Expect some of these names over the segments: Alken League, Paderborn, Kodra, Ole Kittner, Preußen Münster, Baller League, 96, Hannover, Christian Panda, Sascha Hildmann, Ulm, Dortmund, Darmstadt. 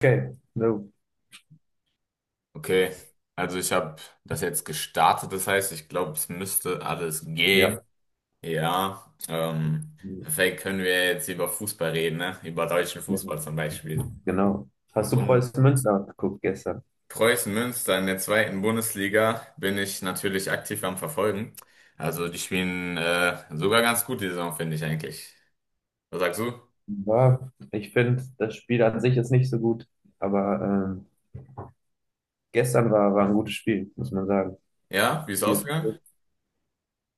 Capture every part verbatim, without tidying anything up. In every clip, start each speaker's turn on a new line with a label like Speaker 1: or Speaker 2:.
Speaker 1: Okay, no,
Speaker 2: Okay, also ich habe das jetzt gestartet, das heißt, ich glaube, es müsste alles gehen.
Speaker 1: ja,
Speaker 2: Ja, ähm, perfekt, können wir jetzt über Fußball reden, ne? Über deutschen
Speaker 1: ja,
Speaker 2: Fußball zum Beispiel.
Speaker 1: genau. Hast du
Speaker 2: Und
Speaker 1: Preußen Münster geguckt gestern?
Speaker 2: Preußen Münster in der zweiten Bundesliga bin ich natürlich aktiv am Verfolgen. Also die spielen äh, sogar ganz gut die Saison, finde ich eigentlich. Was sagst du?
Speaker 1: War, ich finde, das Spiel an sich ist nicht so gut, aber ähm, gestern war, war ein gutes Spiel, muss man sagen.
Speaker 2: Ja, wie ist es
Speaker 1: Viel-
Speaker 2: ausgegangen?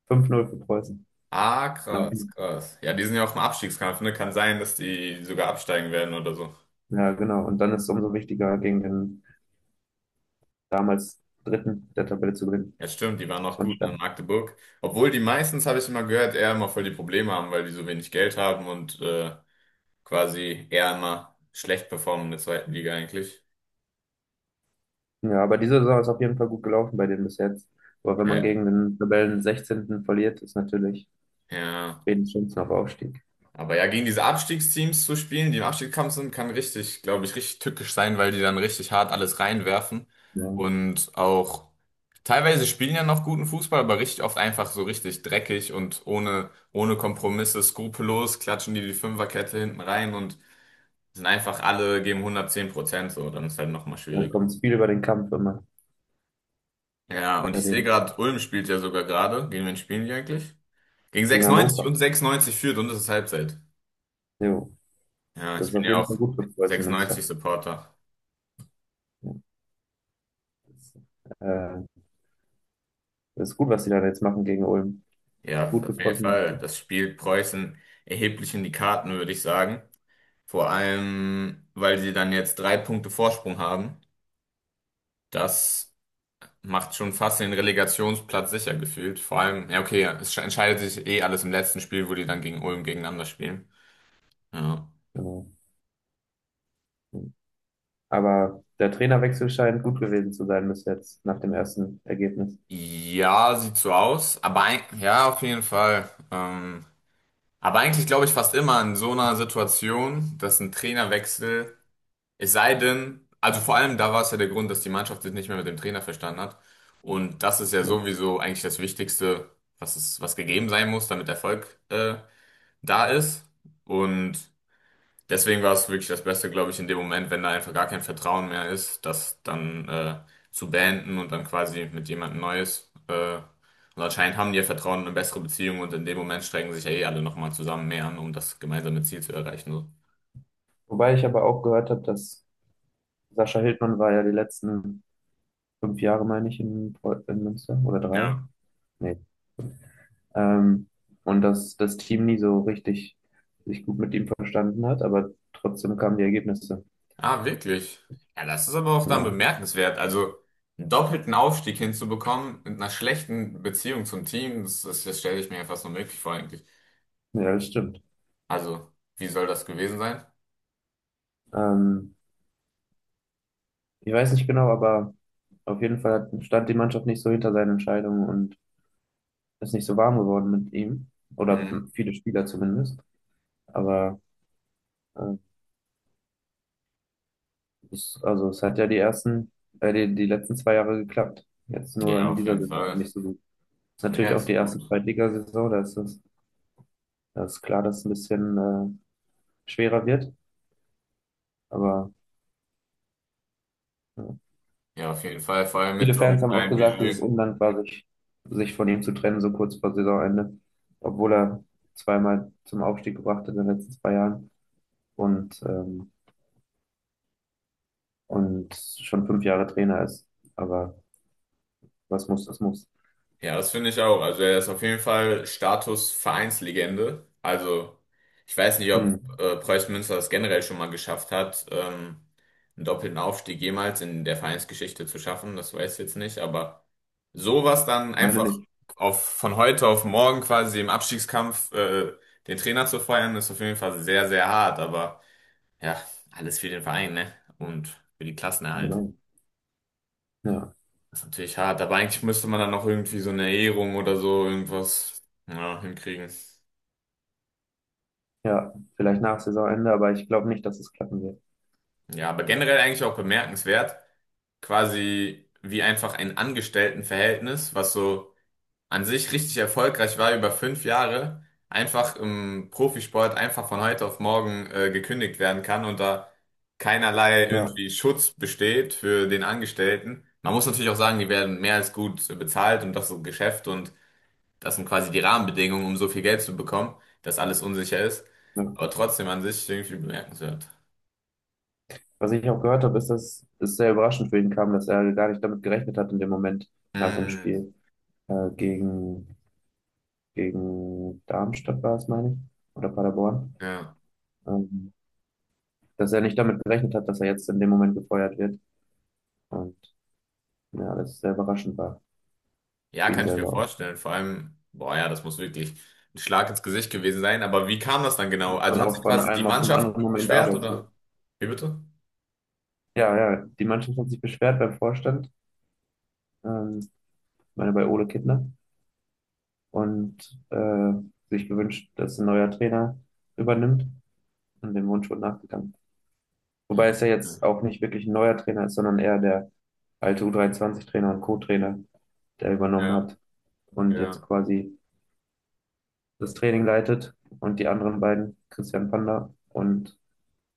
Speaker 1: fünf null für Preußen.
Speaker 2: Ah, krass,
Speaker 1: Dann-
Speaker 2: krass. Ja, die sind ja auch im Abstiegskampf, ne? Kann sein, dass die sogar absteigen werden oder so.
Speaker 1: Ja, genau. Und dann ist es umso wichtiger, gegen den damals Dritten der Tabelle zu gewinnen.
Speaker 2: Ja, stimmt, die waren
Speaker 1: Das
Speaker 2: noch
Speaker 1: war
Speaker 2: gut, ne, in
Speaker 1: stark.
Speaker 2: Magdeburg. Obwohl die meistens, habe ich immer gehört, eher immer voll die Probleme haben, weil die so wenig Geld haben und äh, quasi eher immer schlecht performen in der zweiten Liga eigentlich.
Speaker 1: Ja, aber diese Saison ist auf jeden Fall gut gelaufen bei denen bis jetzt. Aber wenn man
Speaker 2: Ja,
Speaker 1: gegen den Tabellen sechzehnten verliert, ist natürlich
Speaker 2: ja.
Speaker 1: wenig Chancen auf Aufstieg.
Speaker 2: Aber ja, gegen diese Abstiegsteams zu spielen, die im Abstiegskampf sind, kann richtig, glaube ich, richtig tückisch sein, weil die dann richtig hart alles reinwerfen.
Speaker 1: Ja,
Speaker 2: Und auch teilweise spielen ja noch guten Fußball, aber richtig oft einfach so richtig dreckig und ohne, ohne Kompromisse, skrupellos, klatschen die die Fünferkette hinten rein und sind einfach alle, geben hundertzehn Prozent so, dann ist halt nochmal
Speaker 1: dann
Speaker 2: schwieriger.
Speaker 1: kommt es viel über den Kampf immer.
Speaker 2: Ja, und
Speaker 1: bei
Speaker 2: ich sehe
Speaker 1: denen.
Speaker 2: gerade, Ulm spielt ja sogar gerade. Gegen wen spielen die eigentlich? Gegen
Speaker 1: Gegen
Speaker 2: sechsundneunzig
Speaker 1: Hannover.
Speaker 2: und sechsundneunzig führt und es ist Halbzeit.
Speaker 1: Jo,
Speaker 2: Ja,
Speaker 1: das
Speaker 2: ich
Speaker 1: ist
Speaker 2: bin
Speaker 1: auf
Speaker 2: ja
Speaker 1: jeden
Speaker 2: auch
Speaker 1: Fall gut für Preußen Münster.
Speaker 2: sechsundneunzig Supporter.
Speaker 1: Ja, das, äh, das ist gut, was die da jetzt machen gegen Ulm.
Speaker 2: Ja,
Speaker 1: Gut für
Speaker 2: auf jeden
Speaker 1: Preußen
Speaker 2: Fall.
Speaker 1: Münster.
Speaker 2: Das spielt Preußen erheblich in die Karten, würde ich sagen. Vor allem, weil sie dann jetzt drei Punkte Vorsprung haben. Das macht schon fast den Relegationsplatz sicher gefühlt. Vor allem, ja, okay, es entscheidet sich eh alles im letzten Spiel, wo die dann gegen Ulm gegeneinander spielen. Ja.
Speaker 1: Genau. Aber der Trainerwechsel scheint gut gewesen zu sein bis jetzt, nach dem ersten Ergebnis.
Speaker 2: Ja, sieht so aus. Aber ein, ja, auf jeden Fall. Ähm, aber eigentlich glaube ich fast immer in so einer Situation, dass ein Trainerwechsel, es sei denn, also vor allem da war es ja der Grund, dass die Mannschaft sich nicht mehr mit dem Trainer verstanden hat. Und das ist ja
Speaker 1: Ja.
Speaker 2: sowieso eigentlich das Wichtigste, was es, was gegeben sein muss, damit Erfolg äh, da ist. Und deswegen war es wirklich das Beste, glaube ich, in dem Moment, wenn da einfach gar kein Vertrauen mehr ist, das dann äh, zu beenden und dann quasi mit jemandem Neues. Äh, und anscheinend haben die ja Vertrauen und eine bessere Beziehung und in dem Moment strengen sich ja eh alle nochmal zusammen mehr an, um das gemeinsame Ziel zu erreichen. So.
Speaker 1: Wobei ich aber auch gehört habe, dass Sascha Hildmann war ja die letzten fünf Jahre, meine ich, in, Preu- in Münster oder drei.
Speaker 2: Ja.
Speaker 1: Nee. Ähm, und dass das Team nie so richtig sich gut mit ihm verstanden hat, aber trotzdem kamen die Ergebnisse.
Speaker 2: Ah, wirklich. Ja, das ist aber auch dann
Speaker 1: Ja,
Speaker 2: bemerkenswert. Also einen doppelten Aufstieg hinzubekommen mit einer schlechten Beziehung zum Team, das, das, das stelle ich mir ja fast unmöglich vor eigentlich.
Speaker 1: ja, das stimmt.
Speaker 2: Also, wie soll das gewesen sein?
Speaker 1: Ähm, Ich weiß nicht genau, aber auf jeden Fall hat- stand die Mannschaft nicht so hinter seinen Entscheidungen und ist nicht so warm geworden mit ihm. Oder
Speaker 2: Mhm.
Speaker 1: viele Spieler zumindest. Aber äh, es, also es hat ja die ersten, äh, die, die letzten zwei Jahre geklappt. Jetzt nur
Speaker 2: Ja,
Speaker 1: in
Speaker 2: auf
Speaker 1: dieser
Speaker 2: jeden
Speaker 1: Saison
Speaker 2: Fall.
Speaker 1: nicht so gut. Ist
Speaker 2: Ja,
Speaker 1: natürlich auch die
Speaker 2: ist
Speaker 1: erste
Speaker 2: gut.
Speaker 1: Zweitligasaison, da ist es, da ist klar, dass es ein bisschen äh, schwerer wird. Aber ja.
Speaker 2: Ja, auf jeden Fall, vor allem mit
Speaker 1: Viele
Speaker 2: so einem
Speaker 1: Fans haben auch
Speaker 2: kleinen
Speaker 1: gesagt, dass es
Speaker 2: Budget.
Speaker 1: undankbar war, sich, sich von ihm zu trennen, so kurz vor Saisonende, obwohl er zweimal zum Aufstieg gebracht hat in den letzten zwei Jahren und, ähm, und schon fünf Jahre Trainer ist. Aber was muss, das muss.
Speaker 2: Ja, das finde ich auch. Also er ist auf jeden Fall Status Vereinslegende. Also ich weiß nicht, ob
Speaker 1: Hm,
Speaker 2: äh, Preußen Münster das generell schon mal geschafft hat, ähm, einen doppelten Aufstieg jemals in der Vereinsgeschichte zu schaffen. Das weiß ich jetzt nicht, aber sowas dann
Speaker 1: meine
Speaker 2: einfach
Speaker 1: nicht.
Speaker 2: auf, von heute auf morgen quasi im Abstiegskampf äh, den Trainer zu feuern, ist auf jeden Fall sehr, sehr hart. Aber ja, alles für den Verein, ne? Und für die Klassenerhalt.
Speaker 1: Genau. Ja,
Speaker 2: Das ist natürlich hart, aber eigentlich müsste man dann noch irgendwie so eine Ehrung oder so irgendwas ja, hinkriegen.
Speaker 1: ja, vielleicht nach Saisonende, aber ich glaube nicht, dass es klappen wird.
Speaker 2: Ja, aber generell eigentlich auch bemerkenswert, quasi wie einfach ein Angestelltenverhältnis, was so an sich richtig erfolgreich war über fünf Jahre, einfach im Profisport einfach von heute auf morgen äh, gekündigt werden kann und da keinerlei
Speaker 1: Ja,
Speaker 2: irgendwie Schutz besteht für den Angestellten. Man muss natürlich auch sagen, die werden mehr als gut bezahlt und das ist ein Geschäft und das sind quasi die Rahmenbedingungen, um so viel Geld zu bekommen, dass alles unsicher ist. Aber
Speaker 1: ja.
Speaker 2: trotzdem an sich irgendwie bemerkenswert.
Speaker 1: Was ich auch gehört habe, ist, dass es sehr überraschend für ihn kam, dass er gar nicht damit gerechnet hat in dem Moment nach dem
Speaker 2: Hm,
Speaker 1: Spiel äh, gegen gegen Darmstadt war es, meine ich, oder Paderborn,
Speaker 2: ja.
Speaker 1: ähm, dass er nicht damit gerechnet hat, dass er jetzt in dem Moment gefeuert wird. Und ja, das sehr überraschend war,
Speaker 2: Ja,
Speaker 1: für ihn
Speaker 2: kann ich mir
Speaker 1: selber auch.
Speaker 2: vorstellen. Vor allem, boah, ja, das muss wirklich ein Schlag ins Gesicht gewesen sein. Aber wie kam das dann genau? Also
Speaker 1: Man
Speaker 2: hat
Speaker 1: auch
Speaker 2: sich
Speaker 1: von
Speaker 2: quasi die
Speaker 1: einem auf dem
Speaker 2: Mannschaft
Speaker 1: anderen Moment
Speaker 2: beschwert
Speaker 1: arbeitet.
Speaker 2: oder? Wie bitte?
Speaker 1: Ja, ja, die Mannschaft hat sich beschwert beim Vorstand, ähm, ich meine bei Ole Kittner, und äh, sich gewünscht, dass ein neuer Trainer übernimmt und dem Wunsch wurde nachgegangen.
Speaker 2: Ja,
Speaker 1: Wobei es ja jetzt auch nicht wirklich ein neuer Trainer ist, sondern eher der alte U dreiundzwanzig Trainer und Co-Trainer, der übernommen
Speaker 2: ja,
Speaker 1: hat. und jetzt
Speaker 2: ja,
Speaker 1: quasi das Training leitet und die anderen beiden, Christian Panda und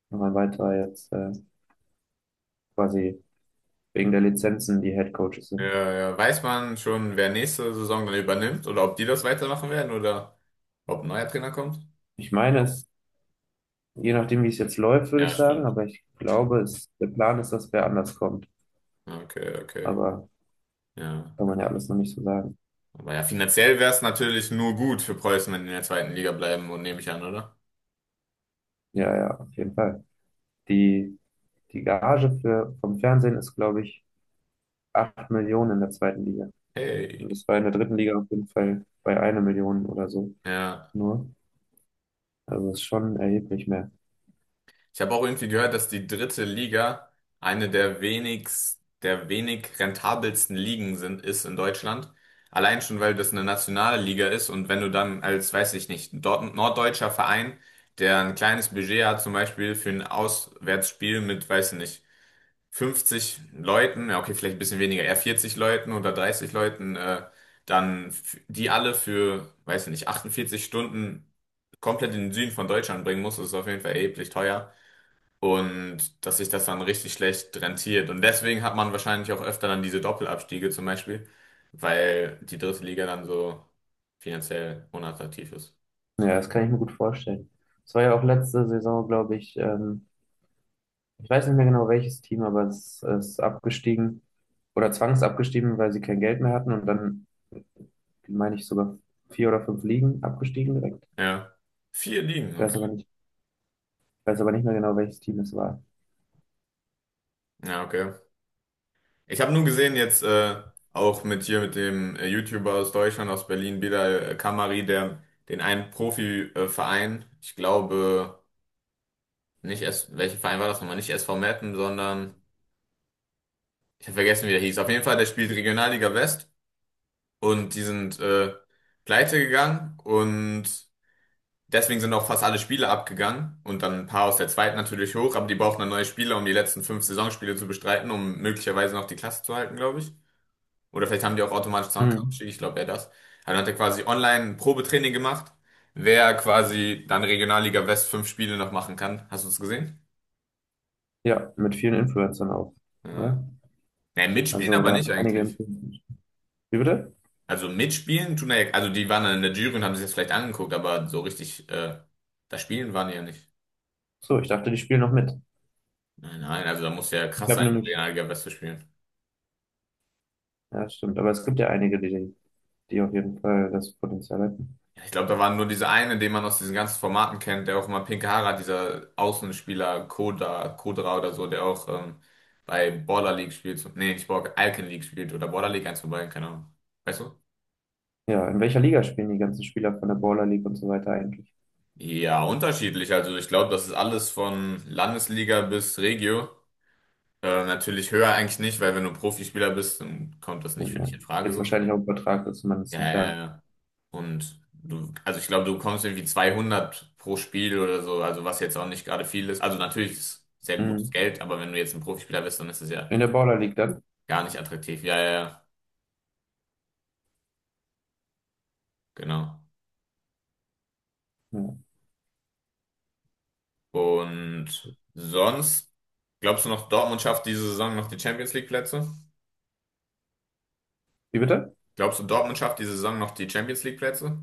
Speaker 1: noch ein weiterer jetzt äh, quasi wegen der Lizenzen die Head Coaches sind.
Speaker 2: ja. Ja. Weiß man schon, wer nächste Saison dann übernimmt oder ob die das weitermachen werden oder ob ein neuer Trainer kommt?
Speaker 1: Ich meine es, je nachdem, wie es jetzt läuft, würde
Speaker 2: Ja,
Speaker 1: ich sagen,
Speaker 2: stimmt.
Speaker 1: aber ich glaube, es, der Plan ist, dass wer anders kommt.
Speaker 2: Okay, okay.
Speaker 1: Aber
Speaker 2: Ja.
Speaker 1: kann man ja alles noch nicht so sagen.
Speaker 2: Aber ja, finanziell wäre es natürlich nur gut für Preußen, wenn die in der zweiten Liga bleiben und nehme ich an, oder?
Speaker 1: Ja, ja, auf jeden Fall. Die, die Gage für, vom Fernsehen ist, glaube ich, acht Millionen in der zweiten Liga. Und
Speaker 2: Hey.
Speaker 1: das war in der dritten Liga auf jeden Fall bei einer Million oder so
Speaker 2: Ja.
Speaker 1: nur. Also es ist schon erheblich mehr.
Speaker 2: Ich habe auch irgendwie gehört, dass die dritte Liga eine der wenigst, der wenig rentabelsten Ligen sind, ist in Deutschland. Allein schon, weil das eine nationale Liga ist und wenn du dann als, weiß ich nicht, dort, norddeutscher Verein, der ein kleines Budget hat, zum Beispiel für ein Auswärtsspiel mit, weiß ich nicht, fünfzig Leuten, ja okay, vielleicht ein bisschen weniger, eher vierzig Leuten oder dreißig Leuten, äh, dann f- die alle für, weiß nicht, achtundvierzig Stunden komplett in den Süden von Deutschland bringen muss, ist auf jeden Fall erheblich teuer. Und dass sich das dann richtig schlecht rentiert. Und deswegen hat man wahrscheinlich auch öfter dann diese Doppelabstiege zum Beispiel, weil die dritte Liga dann so finanziell unattraktiv ist.
Speaker 1: Ja, das kann ich mir gut vorstellen. Es war ja auch letzte Saison, glaube ich, ähm, ich weiß nicht mehr genau welches Team, aber es ist abgestiegen oder zwangsabgestiegen, weil sie kein Geld mehr hatten und dann, meine ich, sogar vier oder fünf Ligen abgestiegen direkt.
Speaker 2: Ja. Vier Ligen,
Speaker 1: Ich weiß aber
Speaker 2: okay.
Speaker 1: nicht, ich weiß aber nicht mehr genau, welches Team es war.
Speaker 2: Ja, okay. Ich habe nur gesehen jetzt äh, auch mit hier mit dem äh, YouTuber aus Deutschland, aus Berlin, Bilal äh, Kamari, der den einen Profiverein, äh, Verein, ich glaube nicht S, welcher Verein war das nochmal? Nicht S V Meppen, sondern ich habe vergessen, wie der hieß. Auf jeden Fall, der spielt Regionalliga West und die sind äh, pleite gegangen und deswegen sind auch fast alle Spiele abgegangen und dann ein paar aus der zweiten natürlich hoch, aber die brauchen dann neue Spieler, um die letzten fünf Saisonspiele zu bestreiten, um möglicherweise noch die Klasse zu halten, glaube ich. Oder vielleicht haben die auch automatisch
Speaker 1: Mhm.
Speaker 2: Zahnkartenstich, ich glaube eher das. Dann hat er quasi online ein Probetraining gemacht, wer quasi dann Regionalliga West fünf Spiele noch machen kann. Hast du es gesehen?
Speaker 1: Ja, mit vielen Influencern auch,
Speaker 2: Ja.
Speaker 1: oder?
Speaker 2: Ja, mitspielen
Speaker 1: Also
Speaker 2: aber
Speaker 1: da
Speaker 2: nicht
Speaker 1: einige
Speaker 2: eigentlich.
Speaker 1: Influencer. Wie bitte?
Speaker 2: Also mitspielen tun er ja, also die waren dann in der Jury und haben sich das vielleicht angeguckt, aber so richtig äh, das Spielen waren die ja nicht.
Speaker 1: So, ich dachte, die spielen noch mit.
Speaker 2: Nein, nein, also da muss ja
Speaker 1: Ich
Speaker 2: krass
Speaker 1: habe
Speaker 2: sein, um
Speaker 1: nämlich,
Speaker 2: Regionalliga West zu spielen.
Speaker 1: ja, stimmt, aber es gibt ja einige, die, die auf jeden Fall das Potenzial hätten.
Speaker 2: Ja, ich glaube, da war nur dieser eine, den man aus diesen ganzen Formaten kennt, der auch immer pinke Haare hat, dieser Außenspieler Koda, Kodra oder so, der auch ähm, bei Baller League spielt. So, nee, nicht Baller, Alken League spielt oder Baller League eins vorbei, keine Ahnung. Weißt du?
Speaker 1: Ja, in welcher Liga spielen die ganzen Spieler von der Baller League und so weiter eigentlich?
Speaker 2: Ja, unterschiedlich. Also ich glaube, das ist alles von Landesliga bis Regio. Äh, natürlich höher eigentlich nicht, weil wenn du Profispieler bist, dann kommt das nicht für
Speaker 1: Ja.
Speaker 2: dich in Frage
Speaker 1: Jetzt
Speaker 2: so.
Speaker 1: wahrscheinlich auch übertragen, dass man es
Speaker 2: Ja,
Speaker 1: nicht
Speaker 2: ja,
Speaker 1: da.
Speaker 2: ja. Und du, also ich glaube, du bekommst irgendwie zweihundert pro Spiel oder so, also was jetzt auch nicht gerade viel ist. Also natürlich ist es sehr gutes
Speaker 1: Mhm.
Speaker 2: Geld, aber wenn du jetzt ein Profispieler bist, dann ist es ja
Speaker 1: In der Baller League dann?
Speaker 2: gar nicht attraktiv. Ja, ja, ja, genau.
Speaker 1: Ja.
Speaker 2: Und sonst, glaubst du noch, Dortmund schafft diese Saison noch die Champions League Plätze?
Speaker 1: Wie bitte?
Speaker 2: Glaubst du, Dortmund schafft diese Saison noch die Champions League Plätze?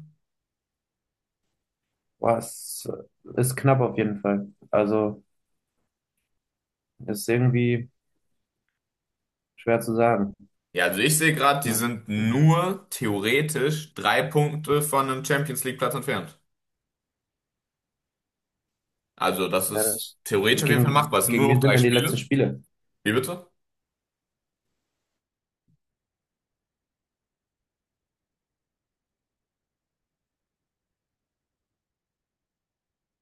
Speaker 1: Boah, es ist knapp auf jeden Fall. Also ist irgendwie schwer zu sagen.
Speaker 2: Ja, also ich sehe gerade, die
Speaker 1: Ja,
Speaker 2: sind nur theoretisch drei Punkte von einem Champions League Platz entfernt. Also das ist
Speaker 1: das,
Speaker 2: theoretisch auf jeden Fall
Speaker 1: gegen,
Speaker 2: machbar. Es sind
Speaker 1: gegen
Speaker 2: nur noch
Speaker 1: wen sind
Speaker 2: drei
Speaker 1: denn die letzten
Speaker 2: Spiele.
Speaker 1: Spiele?
Speaker 2: Wie bitte?